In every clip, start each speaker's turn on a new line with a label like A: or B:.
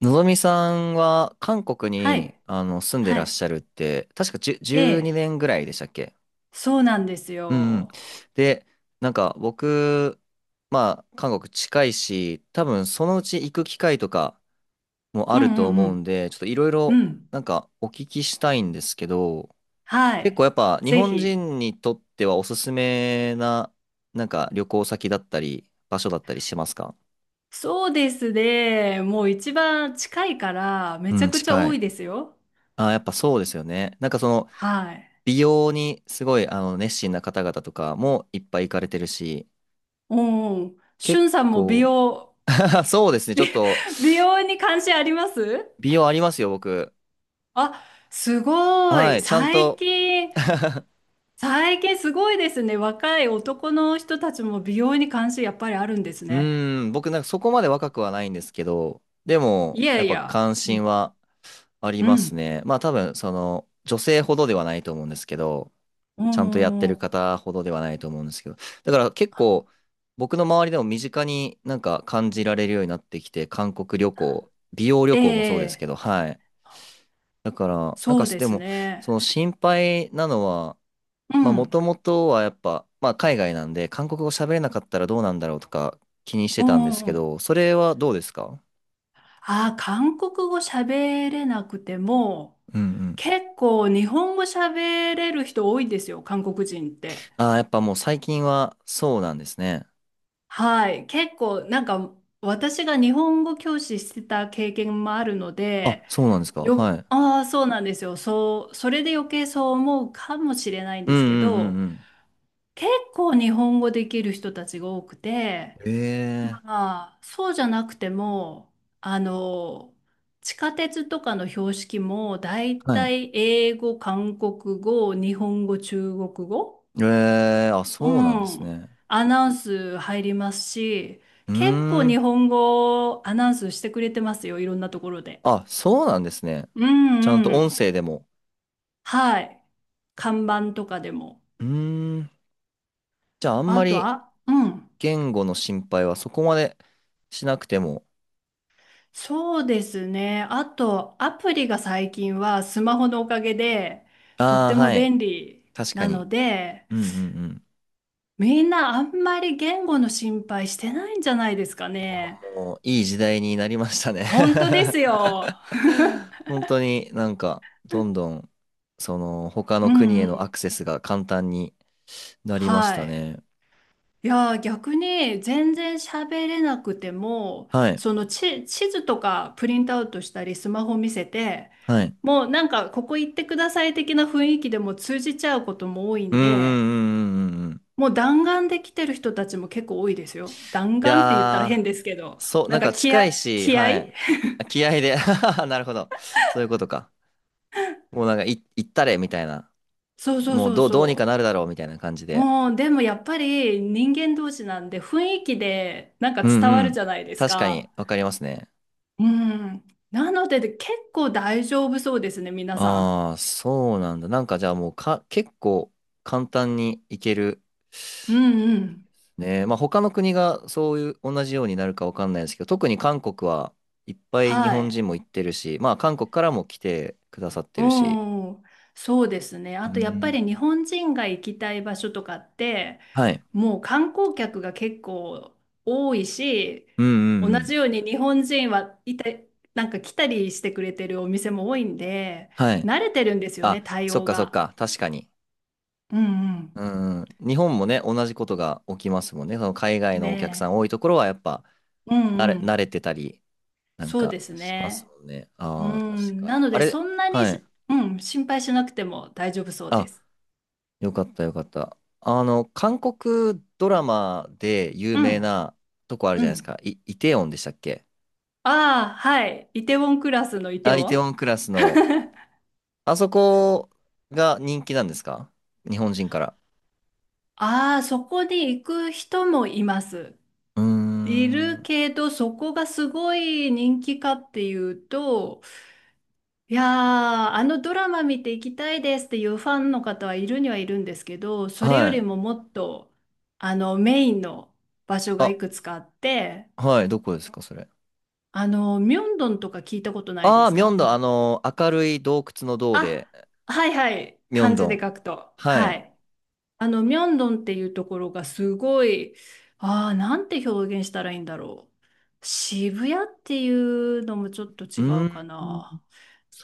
A: のぞみさんは韓国
B: は
A: に
B: い。
A: 住んで
B: は
A: らっ
B: い。
A: しゃるって、確か10、
B: え
A: 12
B: え。
A: 年ぐらいでしたっけ？
B: そうなんです
A: うんうん。
B: よ。
A: で、なんか僕、まあ韓国近いし、多分そのうち行く機会とかもあ
B: う
A: る
B: んう
A: と思うん
B: ん
A: で、ちょっといろい
B: うん。
A: ろ
B: うん。
A: なんかお聞きしたいんですけど、
B: は
A: 結構
B: い。
A: やっぱ日
B: ぜ
A: 本
B: ひ。
A: 人にとってはおすすめななんか旅行先だったり場所だったりしますか？
B: そうですね。もう一番近いから、め
A: う
B: ちゃ
A: ん、
B: くちゃ
A: 近
B: 多
A: い。
B: いですよ。
A: あ、やっぱそうですよね。なんかその
B: はい。
A: 美容にすごい熱心な方々とかもいっぱい行かれてるし、
B: うんうん。しゅ
A: 結
B: んさんも美
A: 構、
B: 容、
A: そうですね、ちょっと
B: 美容に関心あります
A: 美容ありますよ、僕。
B: あ、すご
A: は
B: い。
A: い、ちゃん
B: 最
A: と。
B: 近、最近すごいですね。若い男の人たちも美容に関心やっぱりあるんです
A: う
B: ね。
A: ーん、僕なんかそこまで若くはないんですけど、でも、
B: いや
A: やっ
B: い
A: ぱ
B: や。
A: 関
B: う
A: 心
B: ん。
A: はあり
B: う
A: ます
B: ん。
A: ね。まあ多分、その、女性ほどではないと思うんですけど、
B: うん
A: ちゃんとやって
B: うんう
A: る
B: ん
A: 方ほどではないと思うんですけど、だから結構、僕の周りでも身近になんか感じられるようになってきて、韓国旅行、美容旅
B: え
A: 行もそうですけ
B: え、
A: ど、はい。だから、なん
B: そ
A: か
B: うで
A: で
B: す
A: も、そ
B: ね。
A: の心配なのは、
B: う
A: まあ、も
B: ん。
A: ともとはやっぱ、まあ、海外なんで、韓国語喋れなかったらどうなんだろうとか気にし
B: う
A: てたんですけ
B: ん。
A: ど、それはどうですか？
B: ああ、韓国語喋れなくても、
A: うんうん。
B: 結構日本語喋れる人多いんですよ、韓国人って。
A: ああ、やっぱもう最近はそうなんですね。
B: はい。結構、なんか、私が日本語教師してた経験もあるの
A: あ、
B: で、
A: そうなんですか。
B: よ、
A: はい。
B: ああ、そうなんですよ。そう、それで余計そう思うかもしれないん
A: う
B: で
A: ん
B: すけ
A: うん
B: ど、
A: うん
B: 結構日本語できる人たちが多くて、
A: うん。ええ、
B: ああ、そうじゃなくても、あの、地下鉄とかの標識も、だい
A: は
B: た
A: い。
B: い英語、韓国語、日本語、中国語、
A: ええ、あ、
B: う
A: そうなんです
B: ん、
A: ね。
B: アナウンス入りますし、
A: う
B: 結構
A: ーん。
B: 日本語アナウンスしてくれてますよ、いろんなところで。
A: あ、そうなんですね。
B: う
A: ちゃん
B: ん
A: と
B: う
A: 音
B: ん。
A: 声でも。
B: はい。看板とかでも。
A: うーん。じゃあ、あん
B: あ
A: ま
B: と
A: り
B: は、うん。
A: 言語の心配はそこまでしなくても。
B: そうですね。あと、アプリが最近はスマホのおかげでとっ
A: ああ、
B: ても
A: はい。
B: 便利
A: 確か
B: な
A: に。
B: ので、
A: うんうんうん。
B: みんなあんまり言語の心配してないんじゃないですかね。
A: もういい時代になりましたね。
B: 本当ですよ。
A: 本当になんか、どんどん、その、他
B: う
A: の国
B: ん
A: へ
B: う
A: のア
B: ん。
A: クセスが簡単になりまし
B: は
A: た
B: い。
A: ね。
B: いやー、逆に全然喋れなくても、
A: はい。
B: その地図とかプリントアウトしたりスマホ見せて、
A: はい。
B: もうなんかここ行ってください的な雰囲気でも通じちゃうことも多い
A: う
B: ん
A: んう
B: で、
A: んうんうんうんうん。
B: もう弾丸で来てる人たちも結構多いですよ。弾
A: い
B: 丸って言ったら変
A: や
B: ですけ
A: ー、
B: ど、
A: そう、
B: な
A: なん
B: んか
A: か
B: 気
A: 近
B: 合、
A: いし、
B: 気合
A: はい。あ、気合で なるほど。そういうことか。もうなんか、行ったれ、みたいな。
B: そうそう
A: もう
B: そう
A: どうにか
B: そ
A: なるだろうみたいな感じ
B: う。
A: で。
B: もう、でもやっぱり人間同士なんで雰囲気でなんか
A: う
B: 伝
A: ん
B: わ
A: う
B: る
A: ん。
B: じゃないです
A: 確かに
B: か。
A: わかりますね。
B: うん。なので結構大丈夫そうですね、皆さん。
A: ああ、そうなんだ。なんかじゃあもうか、結構簡単にいける。
B: うんうん。
A: ね。まあ他の国がそういう同じようになるかわかんないですけど、特に韓国はいっぱい日
B: は
A: 本
B: い。
A: 人も行ってるし、まあ韓国からも来てくださっ
B: う
A: てるし。
B: ん、そうですね。
A: う
B: あとやっぱ
A: ん。
B: り日本人が行きたい場所とかって、
A: はい。
B: もう観光客が結構多いし、
A: うんう
B: 同
A: んう
B: じ
A: ん。
B: ように日本人はいた、なんか来たりしてくれてるお店も多いんで、
A: はい。
B: 慣れてるんですよね、
A: あ、
B: 対
A: そっ
B: 応
A: かそっ
B: が。
A: か。確かに。
B: うん
A: うんうん。日本もね、同じことが起きますもんね。その海
B: う
A: 外
B: ん。
A: のお客さ
B: ね
A: ん多いところはやっぱ、
B: え。うんうん。
A: 慣れてたりなん
B: そうで
A: か
B: す
A: します
B: ね。
A: もんね。
B: う
A: ああ、確
B: ん。
A: かに。
B: なの
A: あ
B: で
A: れ、
B: そんなに
A: はい。
B: し、うん、心配しなくても大丈夫そうで
A: あ、
B: す。
A: よかったよかった。韓国ドラマで有
B: う
A: 名
B: ん。
A: なとこある
B: う
A: じゃないです
B: ん。
A: か。イテウォンでしたっけ？
B: ああ、はい。イテウォンクラスのイテ
A: あ、
B: ウ
A: イ
B: ォ
A: テウォ
B: ン
A: ンクラスの、あそこが人気なんですか？日本人から。
B: ああ、そこに行く人もいます。
A: うー
B: いる
A: ん。
B: けど、そこがすごい人気かっていうと、いやー、あのドラマ見て行きたいですっていうファンの方はいるにはいるんですけど、それよ
A: は
B: り
A: い。
B: ももっと、あの、メインの場所がい
A: あ、
B: くつかあって、
A: はい。どこですか、それ。
B: あの、ミョンドンとか聞いたことないで
A: ああ、
B: す
A: ミョン
B: か
A: ドン、明るい洞窟の洞で、
B: あ、はいはい、
A: ミョン
B: 漢字
A: ド
B: で
A: ン。
B: 書くと。
A: は
B: は
A: い。
B: い。あの、ミョンドンっていうところがすごい、ああ、なんて表現したらいいんだろう。渋谷っていうのもちょっと
A: う
B: 違
A: ー
B: うか
A: ん。
B: な。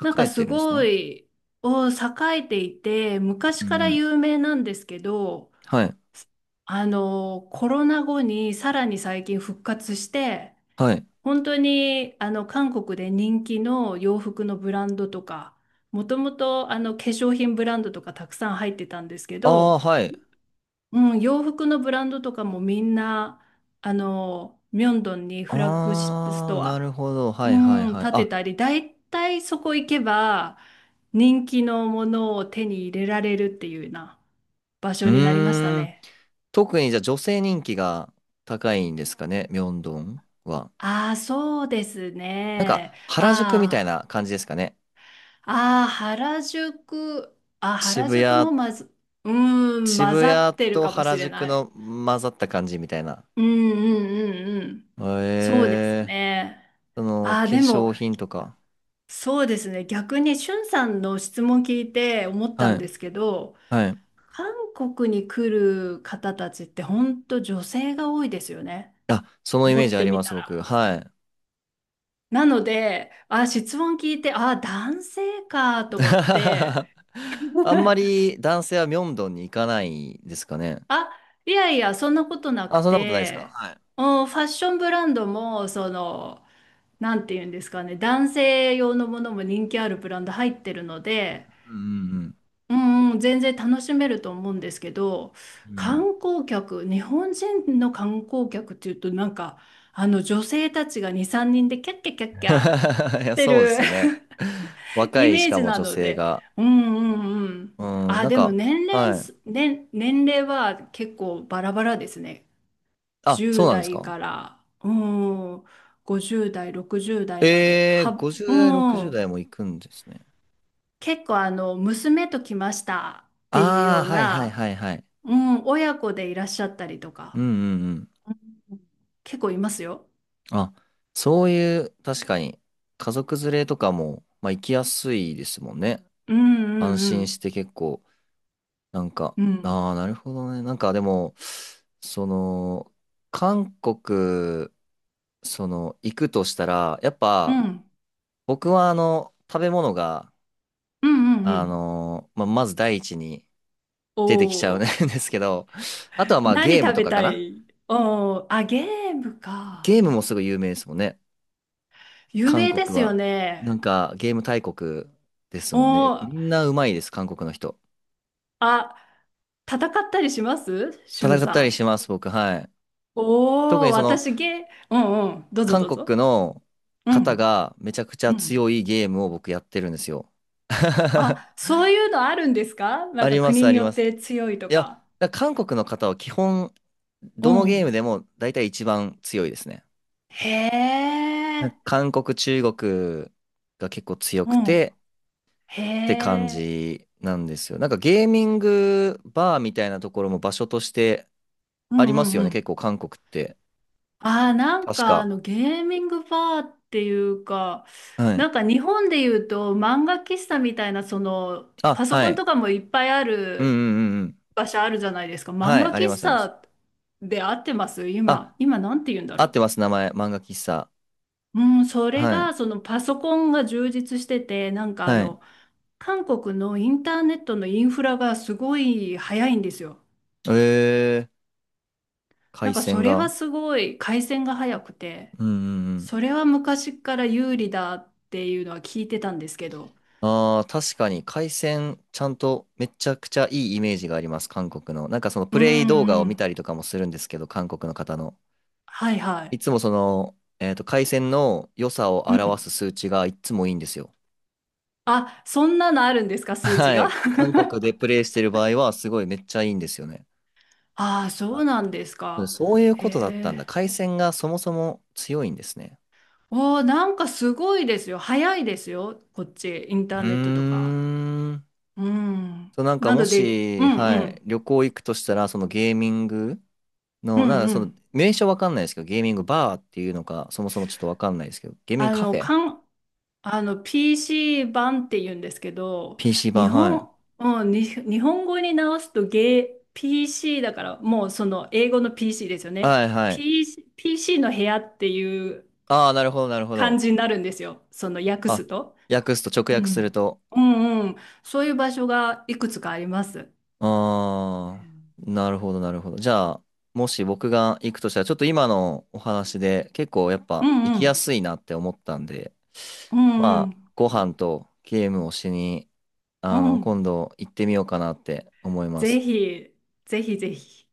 B: なん
A: 栄
B: か
A: え
B: す
A: てるんです
B: ご
A: ね。
B: い、お栄えていて、昔
A: う
B: から
A: ん。
B: 有名なんですけど、
A: はい。
B: あの、コロナ後にさらに最近復活して、
A: はい。
B: 本当に、あの、韓国で人気の洋服のブランドとか、もともと、あの、化粧品ブランドとかたくさん入ってたんですけ
A: あ
B: ど、
A: あ、はい。
B: うん、洋服のブランドとかもみんな、あの、ミョンドンにフラッグシップス
A: ああ、
B: ト
A: な
B: ア、
A: るほど。はいはい
B: うん、
A: はい。
B: 建て
A: あ、
B: たり、だいたいそこ行けば、人気のものを手に入れられるっていうような場
A: う
B: 所になりました
A: ーん。
B: ね。
A: 特にじゃあ女性人気が高いんですかね、ミョンドンは。
B: ああ、そうです
A: なんか
B: ね。
A: 原宿みたい
B: あ
A: な感じですかね。
B: あ、ああ、原宿、あ、原
A: 渋
B: 宿も
A: 谷、
B: まず、うーん、混
A: 渋
B: ざ
A: 谷
B: ってる
A: と
B: かもし
A: 原
B: れ
A: 宿
B: な
A: の
B: い。
A: 混ざった感じみたいな。
B: うんうんうんうん。
A: へ
B: そうです
A: え、
B: ね。
A: その化
B: ああ、でも、
A: 粧品とか。
B: そうですね。逆に、しゅんさんの質問聞いて思った
A: は
B: んで
A: い、
B: すけど、
A: はい。
B: 韓国に来る方たちって本当女性が多いですよね。
A: あ、そのイ
B: 思
A: メー
B: っ
A: ジあ
B: て
A: り
B: み
A: ま
B: た
A: す、
B: ら。
A: 僕。はい。
B: なので、あ、質問聞いて、あ、男性かと思って、
A: あんま り男性はミョンドンに行かないですかね。
B: あ、いやいや、そんなことなく
A: あ、そんなことないですか？
B: て、
A: はい。
B: うんファッションブランドも、その、なんていうんですかね、男性用のものも人気あるブランド入ってるので、
A: うん
B: うんうん、全然楽しめると思うんですけど、
A: うんうん。うん
B: 観光客、日本人の観光客っていうと、なんか、あの女性たちが2、3人でキャッキャキャッキャ
A: い
B: し
A: や、
B: て
A: そうで
B: る
A: すよね。若
B: イ
A: い、し
B: メー
A: か
B: ジ
A: も
B: な
A: 女
B: の
A: 性
B: で、
A: が。
B: うんうんうん。
A: うん、
B: あ、
A: なん
B: でも
A: か、
B: 年齢
A: は
B: す、
A: い。
B: 年、年齢は結構バラバラですね。
A: あ、そうなんです
B: 10代
A: か？
B: から、うん、50代、60代まで。
A: えー、
B: は、う
A: 50代、60
B: ん、
A: 代も行くんですね。
B: 結構あの、娘と来ましたっていう
A: あ
B: よ
A: あ、
B: う
A: はいはい
B: な、
A: はいはい。
B: うん、親子でいらっしゃったりと
A: うん
B: か、
A: うんうん。
B: うん結構いますよ。
A: あ、そういう、確かに、家族連れとかも、まあ行きやすいですもんね。
B: う
A: 安
B: んう
A: 心
B: ん
A: して結構、なんか、
B: うん。うん。
A: ああ、なるほどね。なんかでも、その、韓国行くとしたら、やっ
B: う
A: ぱ、
B: ん
A: 僕は食べ物が、
B: うんうん。
A: まあ、まず第一に
B: お
A: 出てきちゃうん で
B: お
A: すけど、あとはまあ
B: 何
A: ゲーム
B: 食
A: と
B: べ
A: かか
B: た
A: な。
B: いおおあ、ゲーム
A: ゲ
B: か。
A: ームもすごい有名ですもんね。
B: 有
A: 韓
B: 名で
A: 国
B: すよ
A: は。な
B: ね。
A: んか、ゲーム大国です
B: お
A: もんね。み
B: お
A: んなうまいです、韓国の人。
B: あ、戦ったりしますしゅん
A: 戦っ
B: さ
A: たり
B: ん。
A: します、僕、はい。特
B: おお
A: に
B: 私ゲー、うんうん。どうぞ
A: 韓
B: どう
A: 国
B: ぞ。
A: の
B: う
A: 方
B: ん。
A: がめちゃくちゃ
B: うん。
A: 強いゲームを僕やってるんですよ。
B: あ、そういうのあるんですかな
A: あ
B: んか
A: ります、
B: 国
A: あ
B: に
A: り
B: よ
A: ま
B: っ
A: す。
B: て強いと
A: いや、
B: か。
A: だから韓国の方は基本、ど
B: う
A: のゲーム
B: ん。
A: でも大体一番強いですね。
B: へ
A: なんか
B: え。
A: 韓国、中国が結構強
B: う
A: く
B: ん。
A: て
B: へ
A: って感
B: え。
A: じなんですよ。なんかゲーミングバーみたいなところも場所として
B: うん
A: ありま
B: う
A: す
B: ん
A: よ
B: う
A: ね、結
B: ん。
A: 構韓国って。
B: ああ、なん
A: 確
B: かあ
A: か。
B: のゲーミングバーっていうか、
A: はい。
B: なんか日本で言うと漫画喫茶みたいな、その
A: あ、
B: パソ
A: は
B: コン
A: い。
B: とかもいっぱいあ
A: うんう
B: る
A: んうんうん。
B: 場所あるじゃないですか。漫
A: はい。
B: 画
A: あり
B: 喫
A: ますあります。
B: 茶で合ってます
A: あ、
B: 今、今なんて言うんだ
A: 合っ
B: ろ
A: てます。名前。漫画喫茶。
B: う。うん、それ
A: はい。
B: がそのパソコンが充実してて、なんかあ
A: はい。
B: の、韓国のインターネットのインフラがすごい早いんですよ。
A: えー、海
B: なんかそ
A: 鮮
B: れは
A: が。
B: すごい回線が早くて。
A: うんうんうん。
B: それは昔から有利だっていうのは聞いてたんですけど。
A: ああ、確かに海鮮、ちゃんとめちゃくちゃいいイメージがあります、韓国の。なんかその
B: う
A: プレイ動画
B: ん
A: を
B: う
A: 見た
B: ん。
A: りとかもするんですけど、韓国の方の。
B: はいは
A: い
B: い。
A: つも海鮮の良さを
B: うん。
A: 表す数値がいつもいいんですよ。
B: あ、そんなのあるんですか、数値
A: は
B: が。
A: い。韓国でプレイしてる場合は、すごいめっちゃいいんですよね。
B: ああ、そう
A: あ、
B: なんですか。
A: そういう
B: へ
A: ことだったんだ。
B: え。
A: 海鮮がそもそも強いんですね。
B: おー、なんかすごいですよ。早いですよ。こっち、インタ
A: う
B: ーネットとか。
A: ーん。
B: うん。
A: そう、なんか
B: な
A: も
B: ので、う
A: し、
B: んう
A: はい、
B: ん。
A: 旅行行くとしたら、そのゲーミング、
B: うん
A: の、なんか
B: うん。
A: 名称わかんないですけど、ゲーミングバーっていうのか、そもそもちょっとわかんないですけど、ゲーミン
B: あ
A: グカフ
B: の、
A: ェ？
B: かん、あの PC 版って言うんですけど、
A: PC
B: 日
A: 版、は
B: 本、
A: い。
B: うん、に日本語に直すとゲー PC だからもうその英語の PC ですよね。
A: はいはい。
B: PC、PC の部屋っていう
A: ああ、なるほど、なるほ
B: 感
A: ど。
B: じになるんですよ。その訳
A: あ、
B: すと。
A: 訳すと、直
B: う
A: 訳する
B: ん。
A: と。
B: うんうん。そういう場所がいくつかあります。
A: ああ、なるほど、なるほど。じゃあ、もし僕が行くとしたら、ちょっと今のお話で、結構やっ
B: う
A: ぱ行
B: んう
A: きや
B: ん。
A: すいなって思ったんで、
B: うんう
A: まあ、
B: ん。
A: ご飯とゲームをしに、
B: うん。
A: 今度行ってみようかなって思いま
B: ぜ
A: す。
B: ひ、ぜひぜひ。